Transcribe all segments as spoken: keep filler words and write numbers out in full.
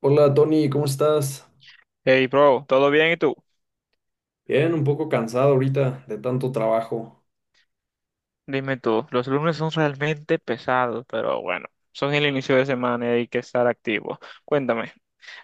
Hola Tony, ¿cómo estás? Hey, bro, ¿todo bien y tú? Bien, un poco cansado ahorita de tanto trabajo. Dime tú, los lunes son realmente pesados, pero bueno, son el inicio de semana y hay que estar activos. Cuéntame,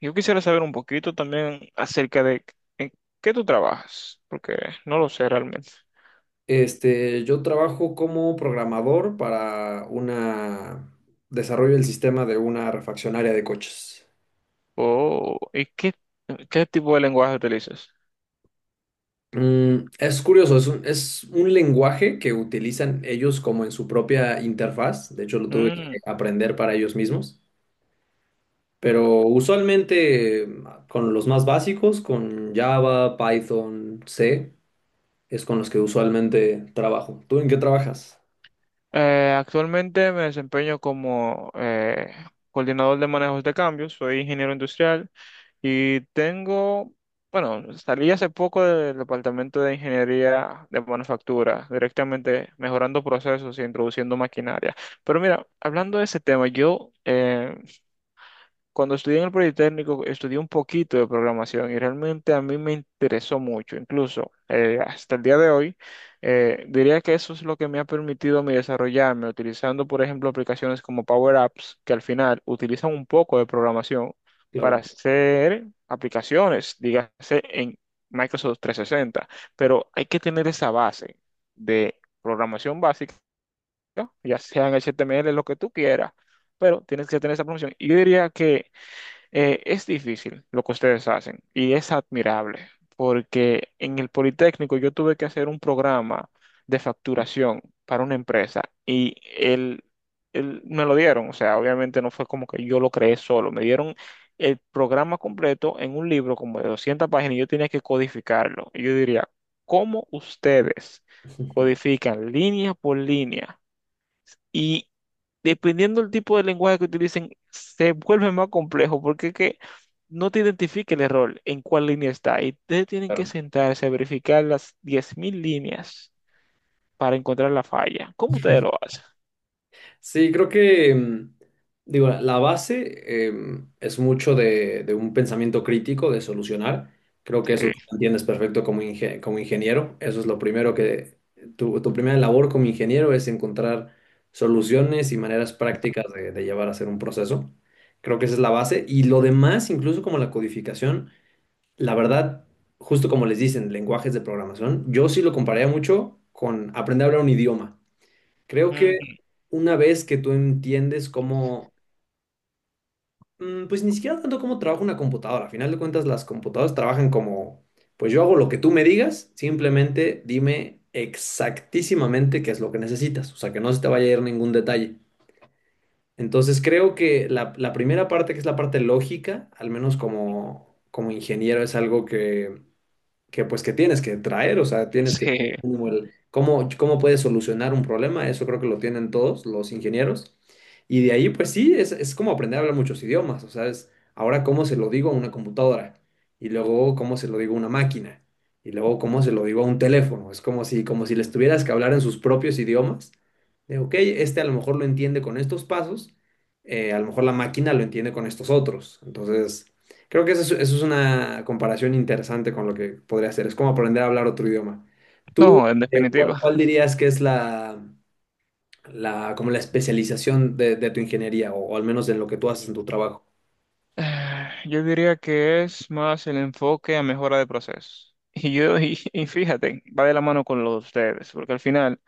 yo quisiera saber un poquito también acerca de en qué tú trabajas, porque no lo sé realmente. Este, yo trabajo como programador para una desarrollo del sistema de una refaccionaria de coches. Oh, ¿y qué, qué tipo de lenguaje utilizas? Mm, es curioso, es un, es un lenguaje que utilizan ellos como en su propia interfaz. De hecho, lo tuve que Mm. aprender para ellos mismos. Pero usualmente eh, con los más básicos, con Java, Python, C, es con los que usualmente trabajo. ¿Tú en qué trabajas? Eh, actualmente me desempeño como eh, coordinador de manejos de cambios, soy ingeniero industrial y tengo, bueno, salí hace poco del departamento de ingeniería de manufactura, directamente mejorando procesos y introduciendo maquinaria. Pero mira, hablando de ese tema, yo eh, cuando estudié en el Politécnico, estudié un poquito de programación y realmente a mí me interesó mucho. Incluso eh, hasta el día de hoy, eh, diría que eso es lo que me ha permitido a mí desarrollarme, utilizando, por ejemplo, aplicaciones como Power Apps, que al final utilizan un poco de programación Claro, para hacer aplicaciones, dígase en Microsoft tres sesenta. Pero hay que tener esa base de programación básica, ya sea en H T M L, lo que tú quieras, pero tienes que tener esa promoción. Y yo diría que eh, es difícil lo que ustedes hacen y es admirable, porque en el Politécnico yo tuve que hacer un programa de facturación para una empresa y el, el- me lo dieron, o sea, obviamente no fue como que yo lo creé solo, me dieron el programa completo en un libro como de doscientas páginas y yo tenía que codificarlo. Y yo diría, ¿cómo ustedes codifican línea por línea? Y dependiendo del tipo de lenguaje que utilicen, se vuelve más complejo, porque es que no te identifica el error en cuál línea está. Y ustedes tienen que claro. sentarse a verificar las diez mil líneas para encontrar la falla. ¿Cómo ustedes lo hacen? Sí, creo que, mm, digo, la la base em, es mucho de, de un pensamiento crítico, de solucionar. Creo que eso Sí. tú lo entiendes perfecto como, inge- como ingeniero. Eso es lo primero que, tu, tu primera labor como ingeniero es encontrar soluciones y maneras prácticas de, de llevar a hacer un proceso. Creo que esa es la base. Y lo demás, incluso como la codificación, la verdad, justo como les dicen, lenguajes de programación, yo sí lo compararía mucho con aprender a hablar un idioma. Creo que Ujú. una vez que tú entiendes cómo, mm, pues ni siquiera tanto cómo trabaja una computadora, al final de cuentas las computadoras trabajan como, pues yo hago lo que tú me digas, simplemente dime exactísimamente qué es lo que necesitas, o sea, que no se te vaya a ir ningún detalle. Entonces creo que la, la primera parte, que es la parte lógica, al menos como, como ingeniero, es algo que que pues que tienes que traer, o sea, tienes que tener Sí. como el- cómo, cómo puedes solucionar un problema, eso creo que lo tienen todos los ingenieros. Y de ahí, pues sí, es, es como aprender a hablar muchos idiomas, o sea, es ahora cómo se lo digo a una computadora y luego cómo se lo digo a una máquina y luego cómo se lo digo a un teléfono, es como si, como si les tuvieras que hablar en sus propios idiomas, de, ok, este a lo mejor lo entiende con estos pasos, eh, a lo mejor la máquina lo entiende con estos otros, entonces... Creo que eso es, eso es una comparación interesante con lo que podría ser. Es como aprender a hablar otro idioma. ¿Tú, No, en eh, definitiva. cuál, cuál dirías que es la, la- como la especialización de, de tu ingeniería o, o al menos en lo que tú haces en tu trabajo? Eh, Yo diría que es más el enfoque a mejora de procesos. Y yo, y, y fíjate, va de la mano con lo de ustedes, porque al final,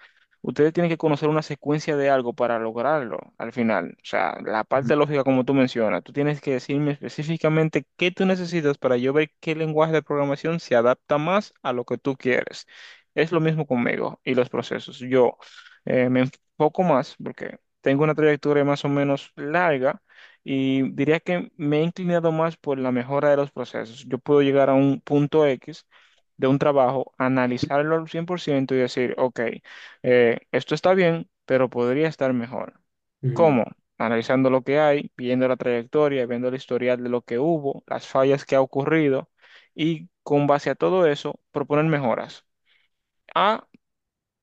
ustedes tienen que conocer una secuencia de algo para lograrlo, al final. O sea, la Ujú. parte lógica como tú mencionas, tú tienes que decirme específicamente qué tú necesitas para yo ver qué lenguaje de programación se adapta más a lo que tú quieres. Es lo mismo conmigo y los procesos. Yo eh, me enfoco más porque tengo una trayectoria más o menos larga y diría que me he inclinado más por la mejora de los procesos. Yo puedo llegar a un punto X de un trabajo, analizarlo al cien por ciento y decir, ok, eh, esto está bien, pero podría estar mejor. Ujú. ¿Cómo? Analizando lo que hay, viendo la trayectoria, viendo el historial de lo que hubo, las fallas que ha ocurrido, y con base a todo eso, proponer mejoras. A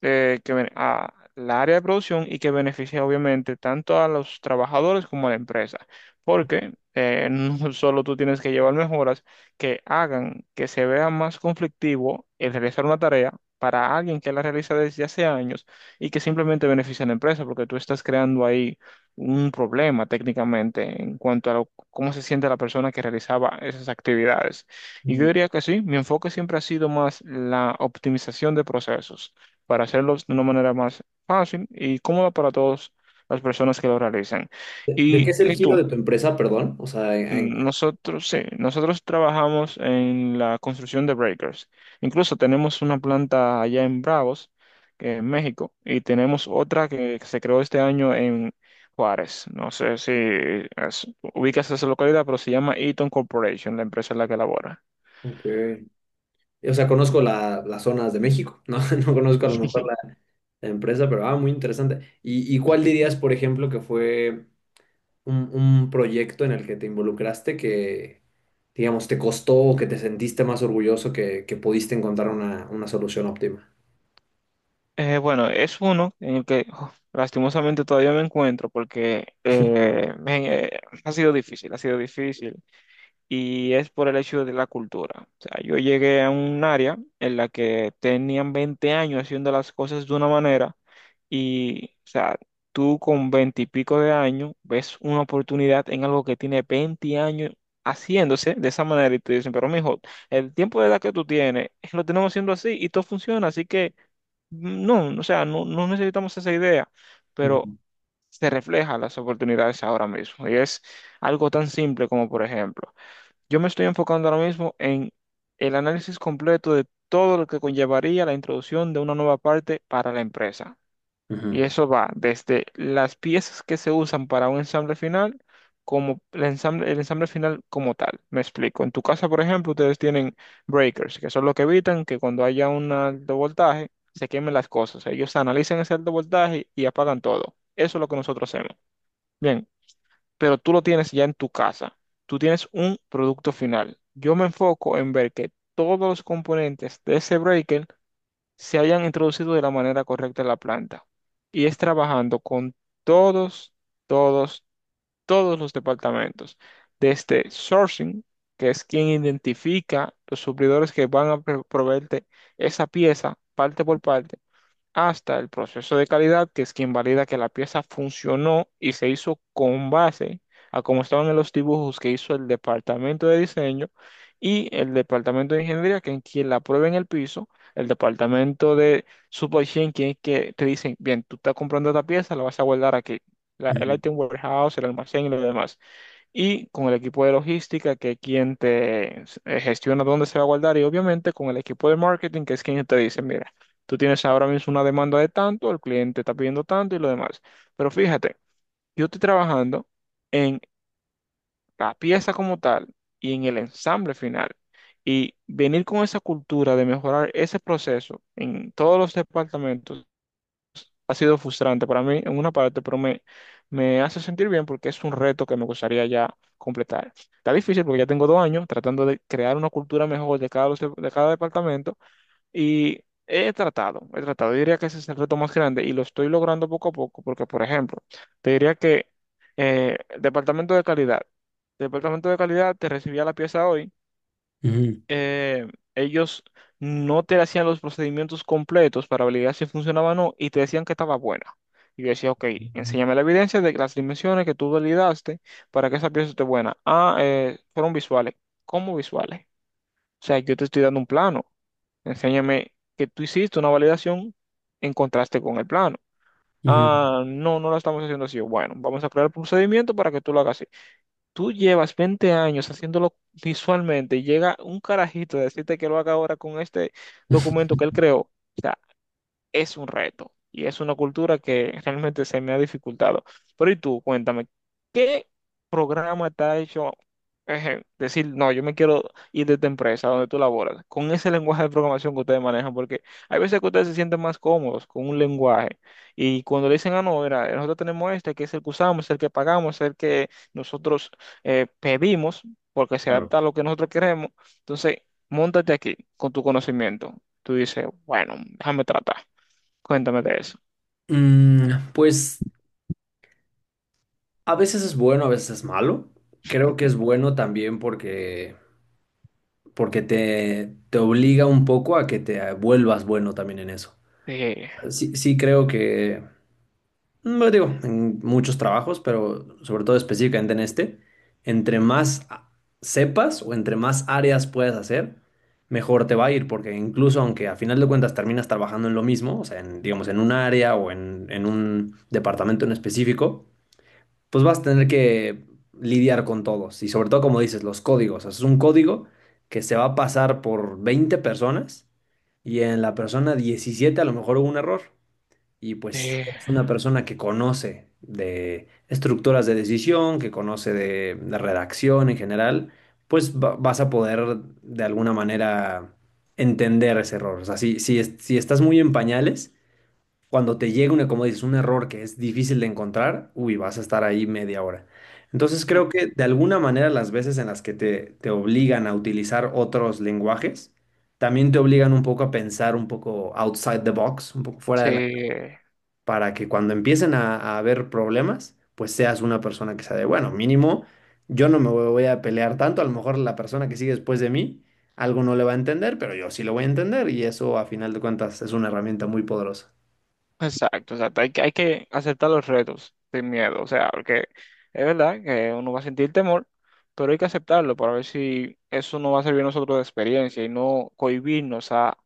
eh, que, ven- a la área de producción, y que beneficia obviamente tanto a los trabajadores como a la empresa, porque eh, no solo tú tienes que llevar mejoras que hagan que se vea más conflictivo el realizar una tarea para alguien que la realiza desde hace años y que simplemente beneficia a la empresa, porque tú estás creando ahí un problema técnicamente en cuanto a lo- cómo se siente la persona que realizaba esas actividades. Y yo Ujú. diría que sí, mi enfoque siempre ha sido más la optimización de procesos para hacerlos de una manera más fácil y cómoda para todas las personas que lo realizan. ¿De, de qué Y, es el y giro tú, de tu empresa, perdón? O sea, en- en- mm, nosotros, sí, nosotros trabajamos en la construcción de breakers. Incluso tenemos una planta allá en Bravos, que en México, y tenemos otra que se creó este año en Juárez. No sé si es- ubicas esa localidad, pero se llama Eaton Corporation, la empresa en la que labora. ok. O sea, conozco la- las zonas de México, ¿no? No conozco a lo mejor la, la empresa, pero ah, muy interesante. ¿Y, y cuál dirías, por ejemplo, que fue un, un proyecto en el que te involucraste que, digamos, te costó o que te sentiste más orgulloso que, que pudiste encontrar una, una solución óptima? Eh, bueno, es uno en el que oh, lastimosamente todavía me encuentro porque eh, me- eh, ha sido difícil, ha sido difícil, y es por el hecho de la cultura. O sea, yo llegué a un área en la que tenían veinte años haciendo las cosas de una manera y, o sea, tú con veinte y pico de años ves una oportunidad en algo que tiene veinte años haciéndose de esa manera y te dicen, pero mijo, el tiempo de edad que tú tienes lo tenemos haciendo así y todo funciona, así que... No, o sea, no, no necesitamos esa idea, pero Ujú, se refleja las oportunidades ahora mismo. Y es algo tan simple como, por ejemplo, yo me estoy enfocando ahora mismo en el análisis completo de todo lo que conllevaría la introducción de una nueva parte para la empresa. Y ujú, eso va desde las piezas que se usan para un ensamble final, como el ensamble, el ensamble final como tal. Me explico. En tu casa, por ejemplo, ustedes tienen breakers, que son los que evitan que cuando haya un alto voltaje se quemen las cosas. Ellos analizan ese alto voltaje y apagan todo. Eso es lo que nosotros hacemos. Bien, pero tú lo tienes ya en tu casa. Tú tienes un producto final. Yo me enfoco en ver que todos los componentes de ese breaker se hayan introducido de la manera correcta en la planta. Y es trabajando con todos, todos, todos los departamentos, desde sourcing, que es quien identifica los suplidores que van a pro- proveerte esa pieza parte por parte, hasta el proceso de calidad, que es quien valida que la pieza funcionó y se hizo con base a cómo estaban en los dibujos que hizo el departamento de diseño y el departamento de ingeniería, que es quien la prueba en el piso, el departamento de supply chain, quien es que te dicen, bien, tú estás comprando esta pieza, la vas a guardar aquí, la- el ujú, item warehouse, el almacén y lo demás, y con el equipo de logística, que es quien te eh, gestiona dónde se va a guardar, y obviamente con el equipo de marketing, que es quien te dice, mira, tú tienes ahora mismo una demanda de tanto, el cliente está pidiendo tanto y lo demás. Pero fíjate, yo estoy trabajando en la pieza como tal y en el ensamble final. Y venir con esa cultura de mejorar ese proceso en todos los departamentos ha sido frustrante para mí en una parte, pero me, me hace sentir bien porque es un reto que me gustaría ya completar. Está difícil porque ya tengo dos años tratando de crear una cultura mejor de cada, de cada departamento y he tratado, he tratado. Yo diría que ese es el reto más grande y lo estoy logrando poco a poco porque, por ejemplo, te diría que eh, departamento de calidad. Departamento de calidad te recibía la pieza hoy ujú, eh, ellos no te hacían los procedimientos completos para validar si funcionaba o no y te decían que estaba buena. Y yo decía, ok, enséñame la evidencia de que las dimensiones que tú validaste para que esa pieza esté buena. Ah, eh, fueron visuales. ¿Cómo visuales? O sea, yo te estoy dando un plano. Enséñame que tú hiciste una validación en contraste con el plano. ujú, Ah, ujú. no, no la estamos haciendo así. Bueno, vamos a crear el procedimiento para que tú lo hagas. Tú llevas veinte años haciéndolo visualmente y llega un carajito a decirte que lo haga ahora con este documento que él creó. O sea, es un reto y es una cultura que realmente se me ha dificultado. Pero y tú, cuéntame, ¿qué programa te ha hecho eh, decir, no, yo me quiero ir de esta empresa donde tú laboras, con ese lenguaje de programación que ustedes manejan? Porque hay veces que ustedes se sienten más cómodos con un lenguaje y cuando le dicen, ah, no, mira, nosotros tenemos este, que es el que usamos, el que pagamos, el que nosotros eh, pedimos, porque se Claro. adapta a lo que nosotros queremos, entonces, móntate aquí con tu conocimiento. Tú dices, bueno, déjame tratar. Cuéntame de eso. Mm, pues a veces es bueno, a veces es malo. Creo que es bueno también porque, porque te, te obliga un poco a que te vuelvas bueno también en eso. Eh, Sí, sí creo que, no digo, en muchos trabajos, pero sobre todo específicamente en este, entre más a- sepas o entre más áreas puedas hacer, mejor te va a ir, porque incluso aunque a final de cuentas terminas trabajando en lo mismo, o sea, en, digamos, en un área o en, en un departamento en específico, pues vas a tener que lidiar con todos. Y sobre todo, como dices, los códigos. O sea, es un código que se va a pasar por veinte personas y en la persona diecisiete a lo mejor hubo un error. Y pues eh, si una persona que conoce de estructuras de decisión, que conoce de, de redacción en general, pues va- vas a poder de alguna manera entender ese error. O sea, si, si, es- si estás muy en pañales, cuando te llega una, como dices, un error que es difícil de encontrar, uy, vas a estar ahí media hora. Entonces creo que de alguna manera las veces en las que te, te obligan a utilizar otros lenguajes, también te obligan un poco a pensar un poco outside the box, un poco fuera de la sí, para que cuando empiecen a, a haber problemas, pues seas una persona que sea de, bueno, mínimo, yo no me voy a pelear tanto, a lo mejor la persona que sigue después de mí, algo no le va a entender, pero yo sí lo voy a entender y eso a final de cuentas es una herramienta muy poderosa. exacto. O sea, hay que, hay que aceptar los retos sin miedo. O sea, porque es verdad que uno va a sentir temor, pero hay que aceptarlo para ver si eso nos va a servir a nosotros de experiencia y no cohibirnos a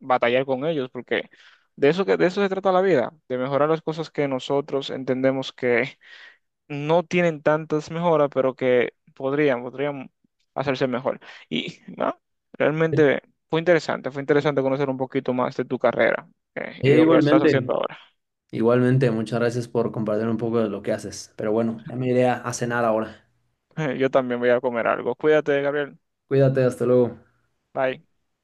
batallar con ellos, porque de eso que, de eso se trata la vida, de mejorar las cosas que nosotros entendemos que no tienen tantas mejoras, pero que podrían, podrían hacerse mejor. Y ¿no? Realmente fue interesante, fue interesante conocer un poquito más de tu carrera eh, y de E lo que estás haciendo igualmente, ahora. igualmente, muchas gracias por compartir un poco de lo que haces, pero bueno, ya me iré a a cenar ahora. Yo también voy a comer algo. Cuídate, Gabriel. Cuídate, hasta luego. Bye.